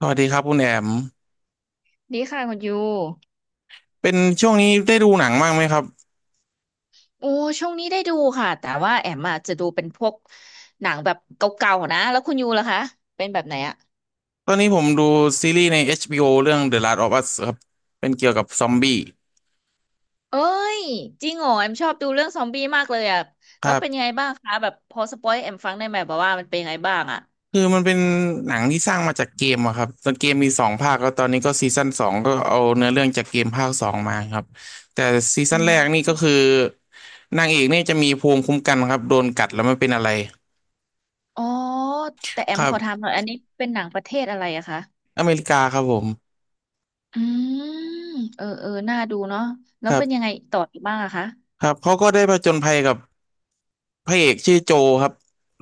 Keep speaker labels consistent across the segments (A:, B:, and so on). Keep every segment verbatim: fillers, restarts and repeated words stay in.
A: สวัสดีครับคุณแอม
B: ดีค่ะคุณยู
A: เป็นช่วงนี้ได้ดูหนังบ้างไหมครับ
B: โอ้ช่วงนี้ได้ดูค่ะแต่ว่าแอมอะจะดูเป็นพวกหนังแบบเก่าๆนะแล้วคุณยูล่ะคะเป็นแบบไหนอะ
A: ตอนนี้ผมดูซีรีส์ใน เอช บี โอ เรื่อง The Last of Us ครับ เป็นเกี่ยวกับซอมบี้
B: เอ้ยจริงเหรอแอมชอบดูเรื่องซอมบี้มากเลยอะ
A: ค
B: แล้
A: รั
B: ว
A: บ
B: เป็นยังไงบ้างคะแบบพอสปอยให้แอมฟังได้ไหมแบบว่ามันเป็นยังไงบ้างอะ
A: คือมันเป็นหนังที่สร้างมาจากเกมอะครับ ตอนเกมมีสองภาคแล้วตอนนี้ก็ซีซั่นสองก็เอาเนื้อเรื่องจากเกมภาคสองมาครับ แต่ซีซั่
B: อื
A: นแรกนี่ก็
B: ม
A: คือนางเอกนี่จะมีภูมิคุ้มกันครับโดนกัดแล้วไม่เป็นอะไร
B: อ๋อแต่แอ
A: ค
B: ม
A: รั
B: ข
A: บ
B: อถามหน่อยอันนี้เป็นหนังประเทศอะไรอะคะ
A: อเมริกาครับผม
B: อืมเออเออน่าดูเนาะแล้
A: ค
B: ว
A: รั
B: เป็นยัง
A: บ
B: ไงต่ออีกบ้างอะคะ
A: ครับเขาก็ได้ผจญภัยกับ พระเอกชื่อโจครับ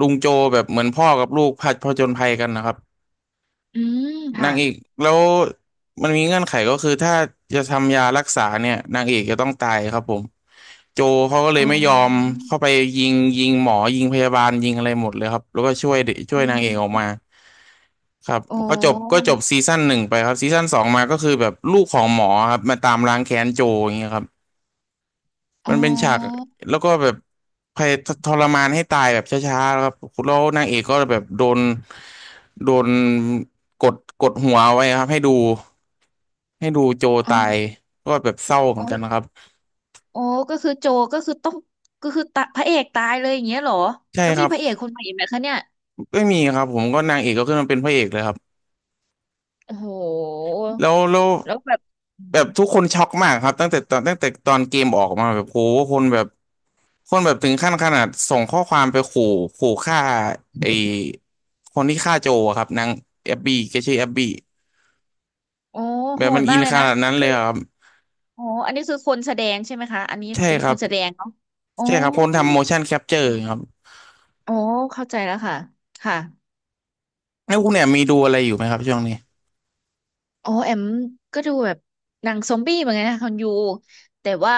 A: ลุงโจแบบเหมือนพ่อกับลูกพผผจญภัยกันนะครับ
B: อืม
A: นา
B: ค่ะ
A: งเอกแล้วมันมีเงื่อนไขก็คือถ้าจะทำยารักษาเนี่ยนางเอกจะต้องตายครับผมโจเขาก็เล
B: อ๋
A: ยไม่ยอม
B: อ
A: เข้าไปยิงยิงหมอยิงพยาบาลยิงอะไรหมดเลยครับแล้วก็ช่วยช่
B: อ๋
A: วยนางเอกออก
B: อ
A: มาครับก็จบก็จบซีซั่นหนึ่งไปครับซีซั่นสองมาก็คือแบบลูกของหมอครับมาตามล้างแค้นโจอย่างเงี้ยครับ
B: อ๋อ
A: มันเป็นฉากแล้วก็แบบพยทรมานให้ตายแบบช้าๆแล้วครับแล้วนางเอกก็แบบโดนโดนกดกดหัวไว้ครับให้ดูให้ดูโจ
B: อ๋
A: ตาย
B: อ
A: ก็แบบเศร้าเหมื
B: อ๋
A: อนกันนะครั
B: อ
A: บ
B: อ๋อก็คือโจก็คือต้องก็คือตะพระเอกตายเลยอย่างเงี้ยเหรอ
A: ใช่
B: แล้ว
A: ค
B: มี
A: รับ
B: พระเอกคนใหม่อีกไหมคะเนี่ย
A: ไม่มีครับผมก็นางเอกก็ขึ้นมาเป็นพระเอกเลยครับ
B: โอ้โห
A: แล้วแล้ว
B: แล้วแบบอื
A: แบ
B: ม
A: บทุกคนช็อกมากครับตั้งแต่ตอนตั้งแต่ตอนเกมออกมาแบบโหคนแบบคนแบบถึงขั้นขนาดส่งข้อความไปขู่ขู่ฆ่าไอคนที่ฆ่าโจอะครับนางแอบบี้แกชื่อแอบบี้
B: โอ้
A: แบ
B: โห
A: บมั
B: ด
A: นอิ
B: มาก
A: น
B: เลย
A: ข
B: นะ
A: นาด
B: ก็
A: นั้นเล
B: คื
A: ย
B: อ
A: เหรอครับ
B: อ๋ออันนี้คือคนแสดงใช่ไหมคะอันนี้
A: ใช่
B: เป็น
A: ค
B: ค
A: รับ
B: นแสดงเนาะอ๋อ
A: ใช่ครับคนทำ motion capture ครับ
B: อ๋อเข้าใจแล้วค่ะ ค่ะ
A: แล้วคุณเนี่ยมีดูอะไรอยู่ไหมครับช่วงนี้
B: อ๋อแอมก็ดูแบบหนังซอมบี้เหมือนกันนะคุณยู แต่ว่า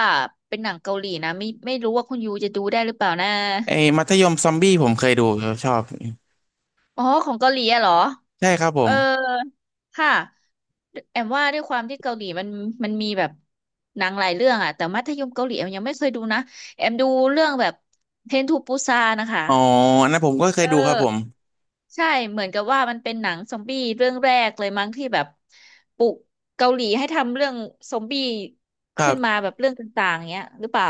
B: เป็นหนังเกาหลีนะไม่ไม่รู้ว่าคุณยูจะดูได้หรือเปล่านะ
A: ไอ้มัธยมซอมบี้ผมเคยดูครับชอบ
B: อ๋อของเกาหลีอะเหรอ
A: ใช่ครับผ
B: เออ
A: ม
B: ค่ะแอมว่าด้วยความที่เกาหลีมันมันมีแบบหนังหลายเรื่องอะแต่มัธยมเกาหลีแอมยังไม่เคยดูนะแอมดูเรื่องแบบเทนทูปูซานะคะ
A: อ๋ออันนั้นผมก็เค
B: เอ
A: ยดูครับผม
B: อใช่เหมือนกับว่ามันเป็นหนังซอมบี้เรื่องแรกเลยมั้งที่แบบปลุกเกาหลีให้ทำเรื่องซอมบี้
A: ครั
B: ขึ้นมา
A: บ
B: แบบเรื่องต่างๆเงี้ยหรือเปล่า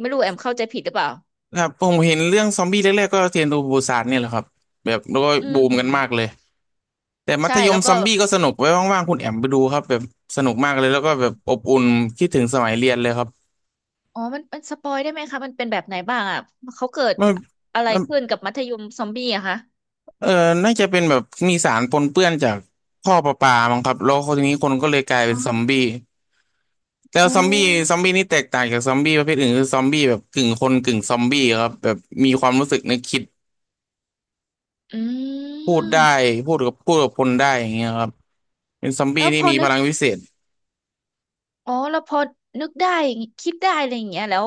B: ไม่รู้แอมเข้าใจผิดหรือเปล่า
A: ครับผมเห็นเรื่องซอมบี้แรกๆก็เทรนทูบูซานเนี่ยแหละครับแบบแล้วก็
B: อื
A: บู
B: ม
A: มกันมากเลยแต่มั
B: ใช่
A: ธย
B: แล้
A: ม
B: ว
A: ซ
B: ก็
A: อมบี้ก็สนุกไว้ว่างๆคุณแอมไปดูครับแบบสนุกมากเลยแล้วก็แบบอบอุ่นคิดถึงสมัยเรียนเลยครับ
B: อ๋อมันมันสปอยได้ไหมคะ มันเป็นแบบไหนบ้างอ่ะเขาเกิด
A: มัน
B: อะไร
A: มัน
B: ขึ้นกับมัธยมซอมบี้อะคะ
A: เออน่าจะเป็นแบบมีสารปนเปื้อนจากท่อประปามั้งครับแล้วคนนี้คนก็เลยกลายเป็
B: อ๋อ
A: นซอมบี้แล้ว
B: อ๋อ
A: ซอมบี้ซอมบี้นี่แตกต่างจากซอมบี้ประเภทอื่นคือซอมบี้แบบกึ่งคนกึ่งซอมบี้ครับแบบมีความรู้สึกนึกคิด
B: อื
A: พูดได้
B: ม
A: พูดกับพูดกับคนได้อย่างเงี้ยครับเป็นซอมบี้
B: แล้ว
A: ที่
B: พอ
A: มีพ
B: นึก
A: ลังวิเศษ
B: อ๋อแล้วพอนึกได้อย่างงี้คิดได้อะไรอย่างเงี้ยแล้ว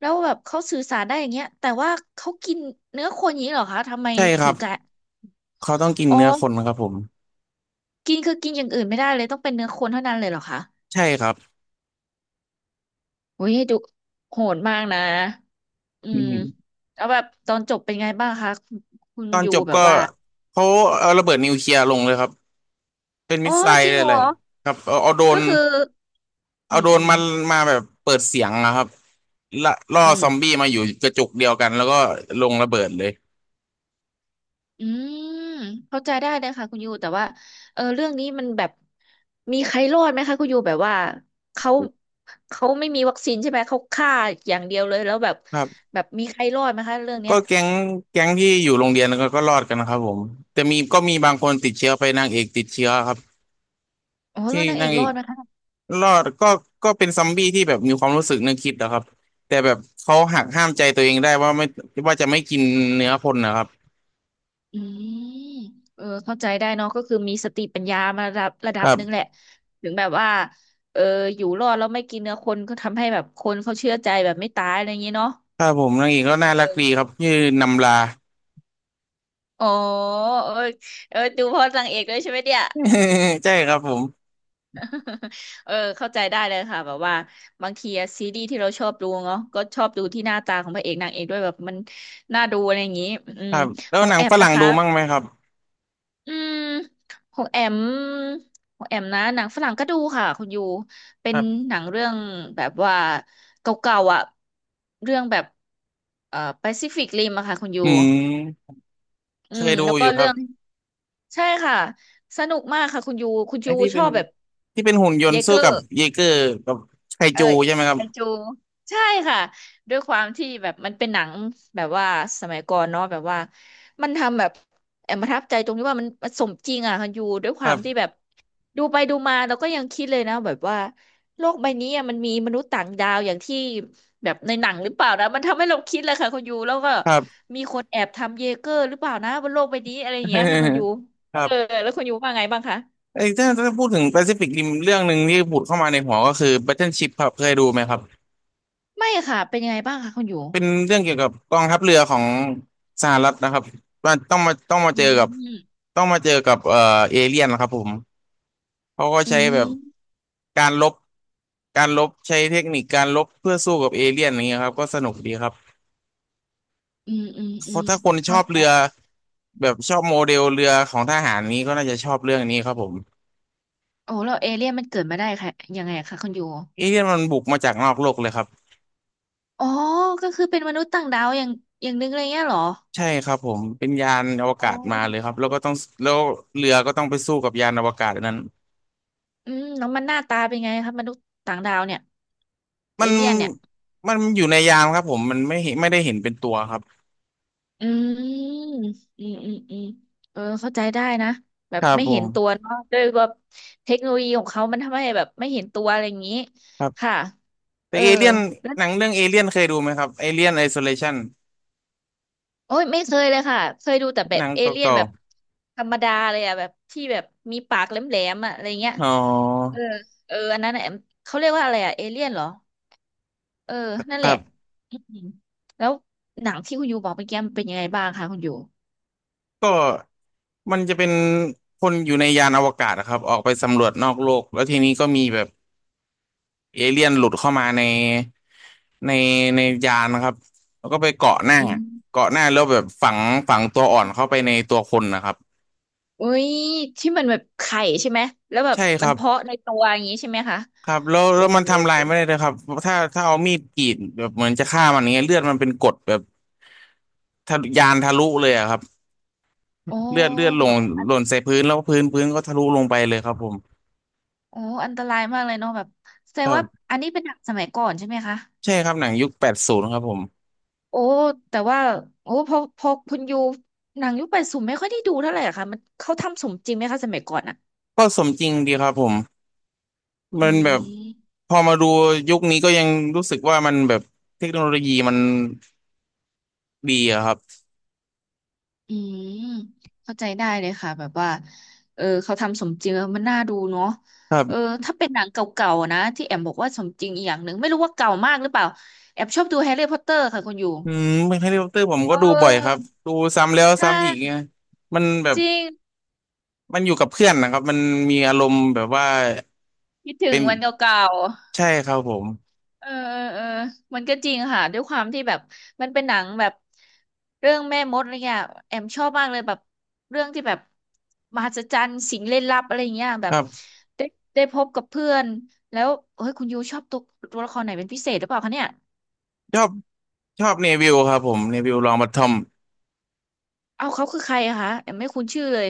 B: แล้วแบบเขาสื่อสารได้อย่างเงี้ยแต่ว่าเขากินเนื้อคนอย่างนี้เหรอคะทำไม
A: ใช่ค
B: ถึ
A: รับ
B: งกะ
A: เขาต้องกิน
B: อ๋อ
A: เนื้อคนครับผม
B: กินคือกินอย่างอื่นไม่ได้เลย ต้องเป็นเนื้อคนเท่านั้นเลยเหรอคะ
A: ใช่ครับ
B: โอ้ยดูโหดมากนะ อื
A: อื
B: ม
A: ม
B: แล้วแบบตอนจบเป็นไงบ้างคะคุณคุณ
A: ตอน
B: อยู่
A: จบ
B: แบ
A: ก็
B: บว่า
A: เขาเอาระเบิดนิวเคลียร์ลงเลยครับเป็นมิ
B: อ๋อ
A: สไซล์
B: จริงเหร
A: อะไร
B: อ
A: ๆครับเอาเอาโด
B: ก็
A: น
B: คืออื
A: เอา
B: ม
A: โดร
B: อื
A: น
B: ม
A: มันมาแบบเปิดเสียงนะครับล่าล่อ
B: อืม
A: ซอมบี้มาอยู่กระจุกเดียวกันแล้วก็ลงระเบิดเลย
B: อืมเข้าใจได้เลยค่ะคุณยูแต่ว่าเออเรื่องนี้มันแบบมีใครรอดไหมคะคุณยูแบบว่าเขาเขาไม่มีวัคซีนใช่ไหมเขาฆ่าอย่างเดียวเลยแล้วแบบ
A: ครับ
B: แบบมีใครรอดไหมคะเรื่องเนี้
A: ก็
B: ย
A: แก๊งแก๊งที่อยู่โรงเรียนก็ก็รอดกันนะครับผมแต่มีก็มีบางคนติดเชื้อไปนางเอกติดเชื้อครับ
B: อ๋อแล้
A: ที่
B: วนางเอ
A: นาง
B: ก
A: เอ
B: รอ
A: ก
B: ดไหมคะ
A: รอดก็ก็เป็นซอมบี้ที่แบบมีความรู้สึกนึกคิดนะครับแต่แบบเขาหักห้ามใจตัวเองได้ว่าไม่ว่าจะไม่กินเนื้อคนนะครับ
B: อืมเออเข้าใจได้เนาะก็คือมีสติปัญญามาระดับระดั
A: ค
B: บ
A: รั
B: หนึ่งแหละ
A: บ
B: ถึงแบบว่าเอออยู่รอดแล้วไม่กินเนื้อคนก็ทำให้แบบคนเขาเชื่อใจแบบไม่ตายอะไรอย่างงี้เนาะ
A: ครับผมนางเอกก็น่ารักดีครับชื่อนำลา
B: อ๋อเออเออดูเพราะนางเอกด้วยใช่ไหมเนี่ย
A: ใช่ครับผม
B: เออเข้าใจได้เลยค่ะแบบว่าบางทีอะซีรีส์ที่เราชอบดูเนาะก็ชอบดูที่หน้าตาของพระเอกนางเอกด้วยแบบมันน่าดูอะไรอย่างนี้อื
A: ค
B: ม
A: รับแล้
B: ข
A: ว
B: อง
A: หนั
B: แอ
A: งฝ
B: มนะ
A: รั่งดู
B: คะ
A: มั่งไหมครับ
B: อืมของแอมของแอมนะหนังฝรั่งก็ดูค่ะคุณยูเป็นหนังเรื่องแบบว่าเก่าๆอ่ะเรื่องแบบเอ่อแปซิฟิกริมอะค่ะคุณยู
A: อืม
B: อื
A: เค
B: ม
A: ยดู
B: แล้ว
A: อ
B: ก็
A: ยู่ค
B: เรื่
A: รับ
B: อง ใช่ค่ะ สนุกมากค่ะคุณยู คุณ
A: ไอ้
B: ยู
A: ที่
B: ช
A: เป็
B: อ
A: น
B: บแบบ
A: ที่เป็นหุ่นยน
B: เย
A: ต์
B: เก
A: สู้
B: อ
A: กับ
B: ร์
A: เยเกอร์กับไค
B: เออ
A: จูใช่ไหมค
B: ไค
A: รับ
B: จูใช่ค่ะด้วยความที่แบบมันเป็นหนังแบบว่าสมัยก่อนเนาะแบบว่ามันทำแบบแอบประทับใจตรงที่ว่ามันมันสมจริงอ่ะค่ะอยู่ด้วยค
A: ค
B: วา
A: รั
B: มที่
A: บ
B: แบบดูไปดูมาเราก็ยังคิดเลยนะแบบว่าโลกใบนี้อะมันมีมนุษย์ต่างดาวอย่างที่แบบในหนังหรือเปล่านะมันทำให้เราคิดเลยค่ะคุณยูแล้วก็
A: ครับ
B: มีคนแอบทำเยเกอร์หรือเปล่านะบนโลกใบนี้อะไรอย่างเงี้ยค่ะคุณยู
A: ค
B: เอ
A: รั
B: อ
A: บ
B: แล้วคุณยูว่าไงบ้างคะ
A: ไอ้ถ้าถ้าพูดถึงแปซิฟิกริมเรื่องหนึ่งที่ผุดเข้ามาในหัวก็คือ Battleship ครับเคยดูไหมครับ
B: ไม่ค่ะเป็นยังไงบ้างคะคุณยู
A: เป็นเรื่องเกี่ยวกับกองทัพเรือของสหรัฐนะครับว่าต้องมาต้องมา
B: อื
A: เจอกับ
B: ม
A: ต้องมาเจอกับเอ่อเอเลี่ยนนะครับผมเขาก็
B: อื
A: ใช้แบบ
B: ม
A: การลบการลบใช้เทคนิคการลบเพื่อสู้กับเอเลี่ยนอย่างเงี้ยครับก็สนุกดีครับ
B: อืมอืม
A: เพ
B: อืม
A: ราะถ้าคนช
B: เข้า
A: อบ
B: ใจ
A: เรือแบบชอบโมเดลเรือของทหารนี้ก็น่าจะชอบเรื่องนี้ครับผม
B: โอ้แล้วเอเลี่ยนมันเกิดมาได้ค่ะยังไงคะคุณยู
A: เอเลี่ยนมันบุกมาจากนอกโลกเลยครับ
B: อ๋อก็คือเป็นมนุษย์ต่างดาวอย่างอย่างนึงเลยเงี้ยเหรอ
A: ใช่ครับผมเป็นยานอว
B: อ๋อ
A: กาศมาเลยครับแล้วก็ต้องแล้วเรือก็ต้องไปสู้กับยานอวกาศอันนั้น
B: อืมแล้วมันหน้าตาเป็นไงคะมนุษย์ต่างดาวเนี่ยเอ
A: มัน
B: เลี่ยนเนี่ย
A: มันอยู่ในยานครับผมมันไม่เห็นไม่ได้เห็นเป็นตัวครับ
B: อืมอืมอืมอืมเออเข้าใจได้นะแบ
A: ค
B: บ
A: รับ
B: ไม่
A: ผ
B: เห็นตัว
A: ม
B: เนาะด้วยว่าเทคโนโลยีของเขามันทำให้แบบไม่เห็นตัวอะไรอย่างนี้
A: ครับ
B: ค่ะ
A: แต่
B: เออ
A: เอเลี่ยนหนังเรื่องเอเลี่ยนเคยดูไหมครับเอเลี่ยนไอโซเลชัน
B: โอ้ยไม่เคยเลยค่ะเคยดูแต่แบ
A: ห
B: บ
A: นัง
B: เอ
A: เ
B: เลี่ยน
A: ก่า
B: แบบธรรมดาเลยอะแบบที่แบบมีปากแหลมๆอะอะไรเงี้ย
A: ๆอ๋อ
B: เออเอออันนั้นอะเขาเรียกว่าอะไรอะเอเลี่ยนเหรอเออนั่น
A: ค
B: แห
A: รั
B: ละ
A: บ
B: อืมแล้วหนังที่คุณยูบอกเมื่อกี้มันเป็นยังไงบ้างคะคุณยู
A: ก็ มันจะเป็นคนอยู่ในยานอวกาศนะครับออกไปสำรวจนอกโลกแล้วทีนี้ก็มีแบบเอเลี่ยนหลุดเข้ามาในในในยานนะครับแล้วก็ไปเกาะหน้า
B: อืม
A: เกาะหน้าแล้วแบบฝังฝังตัวอ่อนเข้าไปในตัวคนนะครับ
B: อุ้ยที่มันแบบไข่ใช่ไหมแล้วแบบ
A: ใช่ค
B: มั
A: รั
B: น
A: บ
B: เพาะในตัวอย่างนี้ใช่ไหมคะ
A: ครับแล้ว
B: โอ้
A: แล้วมันทำลายไม่ได้เลยครับถ้าถ้าเอามีดกรีดแบบเหมือนจะฆ่ามันอย่างเงี้ยเลือดมันเป็นกรดแบบทะลุยานทะลุเลยอะครับ
B: โอ้
A: เลือดเลือดล
B: แบ
A: ง
B: บอั
A: ห
B: น
A: ล่นใส่พื้นแล้วพื้นพื้นก็ทะลุลงไปเลยครับผม
B: โอ้อันตรายมากเลยเนาะแบบแสด
A: ค
B: ง
A: รั
B: ว่า
A: บ
B: อันนี้เป็นหนังสมัยก่อนใช่ไหมคะ
A: ใช่ครับหนังยุคแปดศูนย์ครับผม
B: โอ้แต่ว่าโอ้พอพอคุณยูหนังยุคแปดศูนย์ไม่ค่อยได้ดูเท่าไหร่อะค่ะมันเขาทำสมจริงไหมคะสมัยก่อนอะ
A: ก็สมจริงดีครับผม
B: อื
A: มันแบบ
B: ม
A: พอมาดูยุคนี้ก็ยังรู้สึกว่ามันแบบเทคโนโลยีมันดีอะครับ
B: อืมเข้าใจได้เลยค่ะแบบว่าเออเขาทำสมจริงแล้วมันน่าดูเนาะ
A: ครั
B: เออ
A: บ
B: ถ้าเป็นหนังเก่าๆนะที่แอมบอกว่าสมจริงอีกอย่างหนึ่งไม่รู้ว่าเก่ามากหรือเปล่าแอมชอบดูแฮร์รี่พอตเตอร์ค่ะคุณอยู่
A: อืมแฮร์รี่พอตเตอร์ผม
B: เอ
A: ก็
B: อ
A: ดูบ่อยครับดูซ้ำแล้ว
B: ใช่
A: ซ้ำอีกไงมันแบบ
B: จริง
A: มันอยู่กับเพื่อนนะครับมันมีอารมณ์แบบว่า
B: คิดถึง
A: เป็น
B: วันเก่าๆ
A: ใช่ครับผม
B: เออเออเออมันก็จริงค่ะด้วยความที่แบบมันเป็นหนังแบบเรื่องแม่มดอะไรเงี้ยแอมชอบมากเลยแบบเรื่องที่แบบมหัศจรรย์สิ่งลี้ลับอะไรเงี้ยแบ
A: ค
B: บ
A: รับ
B: ได้ได้พบกับเพื่อนแล้วเฮ้ยคุณยูชอบตัวตัวละครไหนเป็นพิเศษหรือเปล่าคะเนี่ย
A: ชอบชอบเนวิลครับผมเนวิลลองบัตทอม
B: เอาเขาคือใครอะคะแอมไม่คุ้นชื่อเลย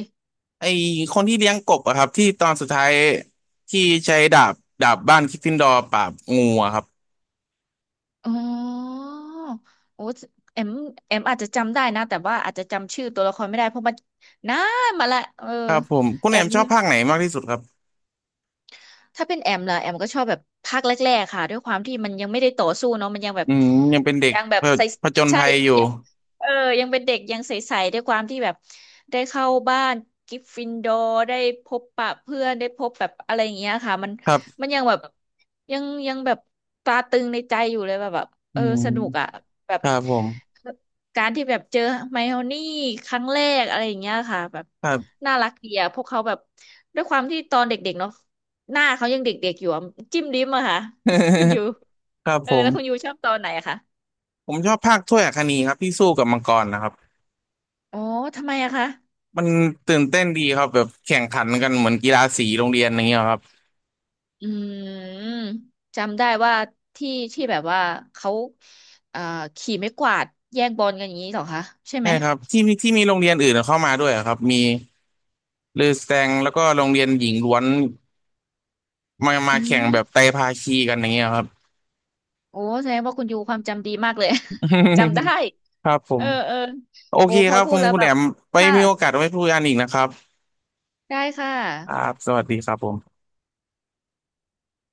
A: ไอคนที่เลี้ยงกบอะครับที่ตอนสุดท้ายที่ใช้ดาบดาบบ้านกริฟฟินดอร์ปราบงูอะครับ
B: อ๋อโอ้แอมแอมอาจจะจำได้นะแต่ว่าอาจจะจำชื่อตัวละครไม่ได้เพราะมันนานมาละเออ
A: ครับผมคุณ
B: แอ
A: แอม
B: ม
A: ชอบภาคไหนมากที่สุดครับ
B: ถ้าเป็นแอมล่ะแอมก็ชอบแบบภาคแรกๆค่ะด้วยความที่มันยังไม่ได้ต่อสู้เนาะมันยังแบบ
A: อืมยังเป็นเด็ก
B: ยังแบ
A: ผ
B: บใส
A: ผจญ
B: ใช่
A: ภัยอยู่
B: ยังเออยังเป็นเด็กยังใสๆด้วยความที่แบบได้เข้าบ้านกริฟฟินดอร์ได้พบปะเพื่อนได้พบแบบอะไรอย่างเงี้ยค่ะมัน
A: ครับ
B: มันยังแบบยังยังแบบตราตรึงในใจอยู่เลยแบบแบบ
A: อื
B: เออ
A: ม
B: สนุกอ่ะแบบ
A: ครับผม
B: การที่แบบเจอไมโอนี่ครั้งแรกอะไรอย่างเงี้ยค่ะแบบ
A: ครับ
B: น่ารักดีอ่ะพวกเขาแบบด้วยความที่ตอนเด็กๆเนาะ หน้าเขายังเด็กๆอยู่อะจิ้มลิ้มอะค่ะ คุณยู
A: ครับ
B: เออ
A: ผ
B: แล้วคุณยู
A: ม
B: ชอบตอนไหนอะคะ
A: ผมชอบภาคถ้วยอัคนีครับที่สู้กับมังกรนะครับ
B: อ๋อทำไมอะคะ
A: มันตื่นเต้นดีครับแบบแข่งขันกันเหมือนกีฬาสีโรงเรียนอย่างเงี้ยครับ
B: อืมจำได้ว่าที่ที่แบบว่าเขาเอ่อขี่ไม้กวาดแย่งบอลกันอย่างนี้เหรอคะใช่
A: ใช่
B: ไหม
A: ครับที่มีที่มีโรงเรียนอื่นเข้ามาด้วยครับมีลือแสตงแล้วก็โรงเรียนหญิงล้วนมามา
B: อื
A: แข่ง
B: ม
A: แบบไตรภาคีกันอย่างเงี้ยครับ
B: โอ้แสดงว่าคุณยูความจำดีมากเลย จำได้
A: ครับผ
B: เอ
A: ม
B: อเออ
A: โอ
B: โอ้
A: เค
B: พ
A: ค
B: อ
A: รับ
B: พู
A: คุ
B: ด
A: ณ
B: แล้ว
A: คุณ
B: แบ
A: แอ
B: บ
A: มไป
B: ค่ะ
A: มีโอกาสไว้พูดกันอีกนะครับ
B: ได้ค่ะ
A: ครับสวัสดีครับผม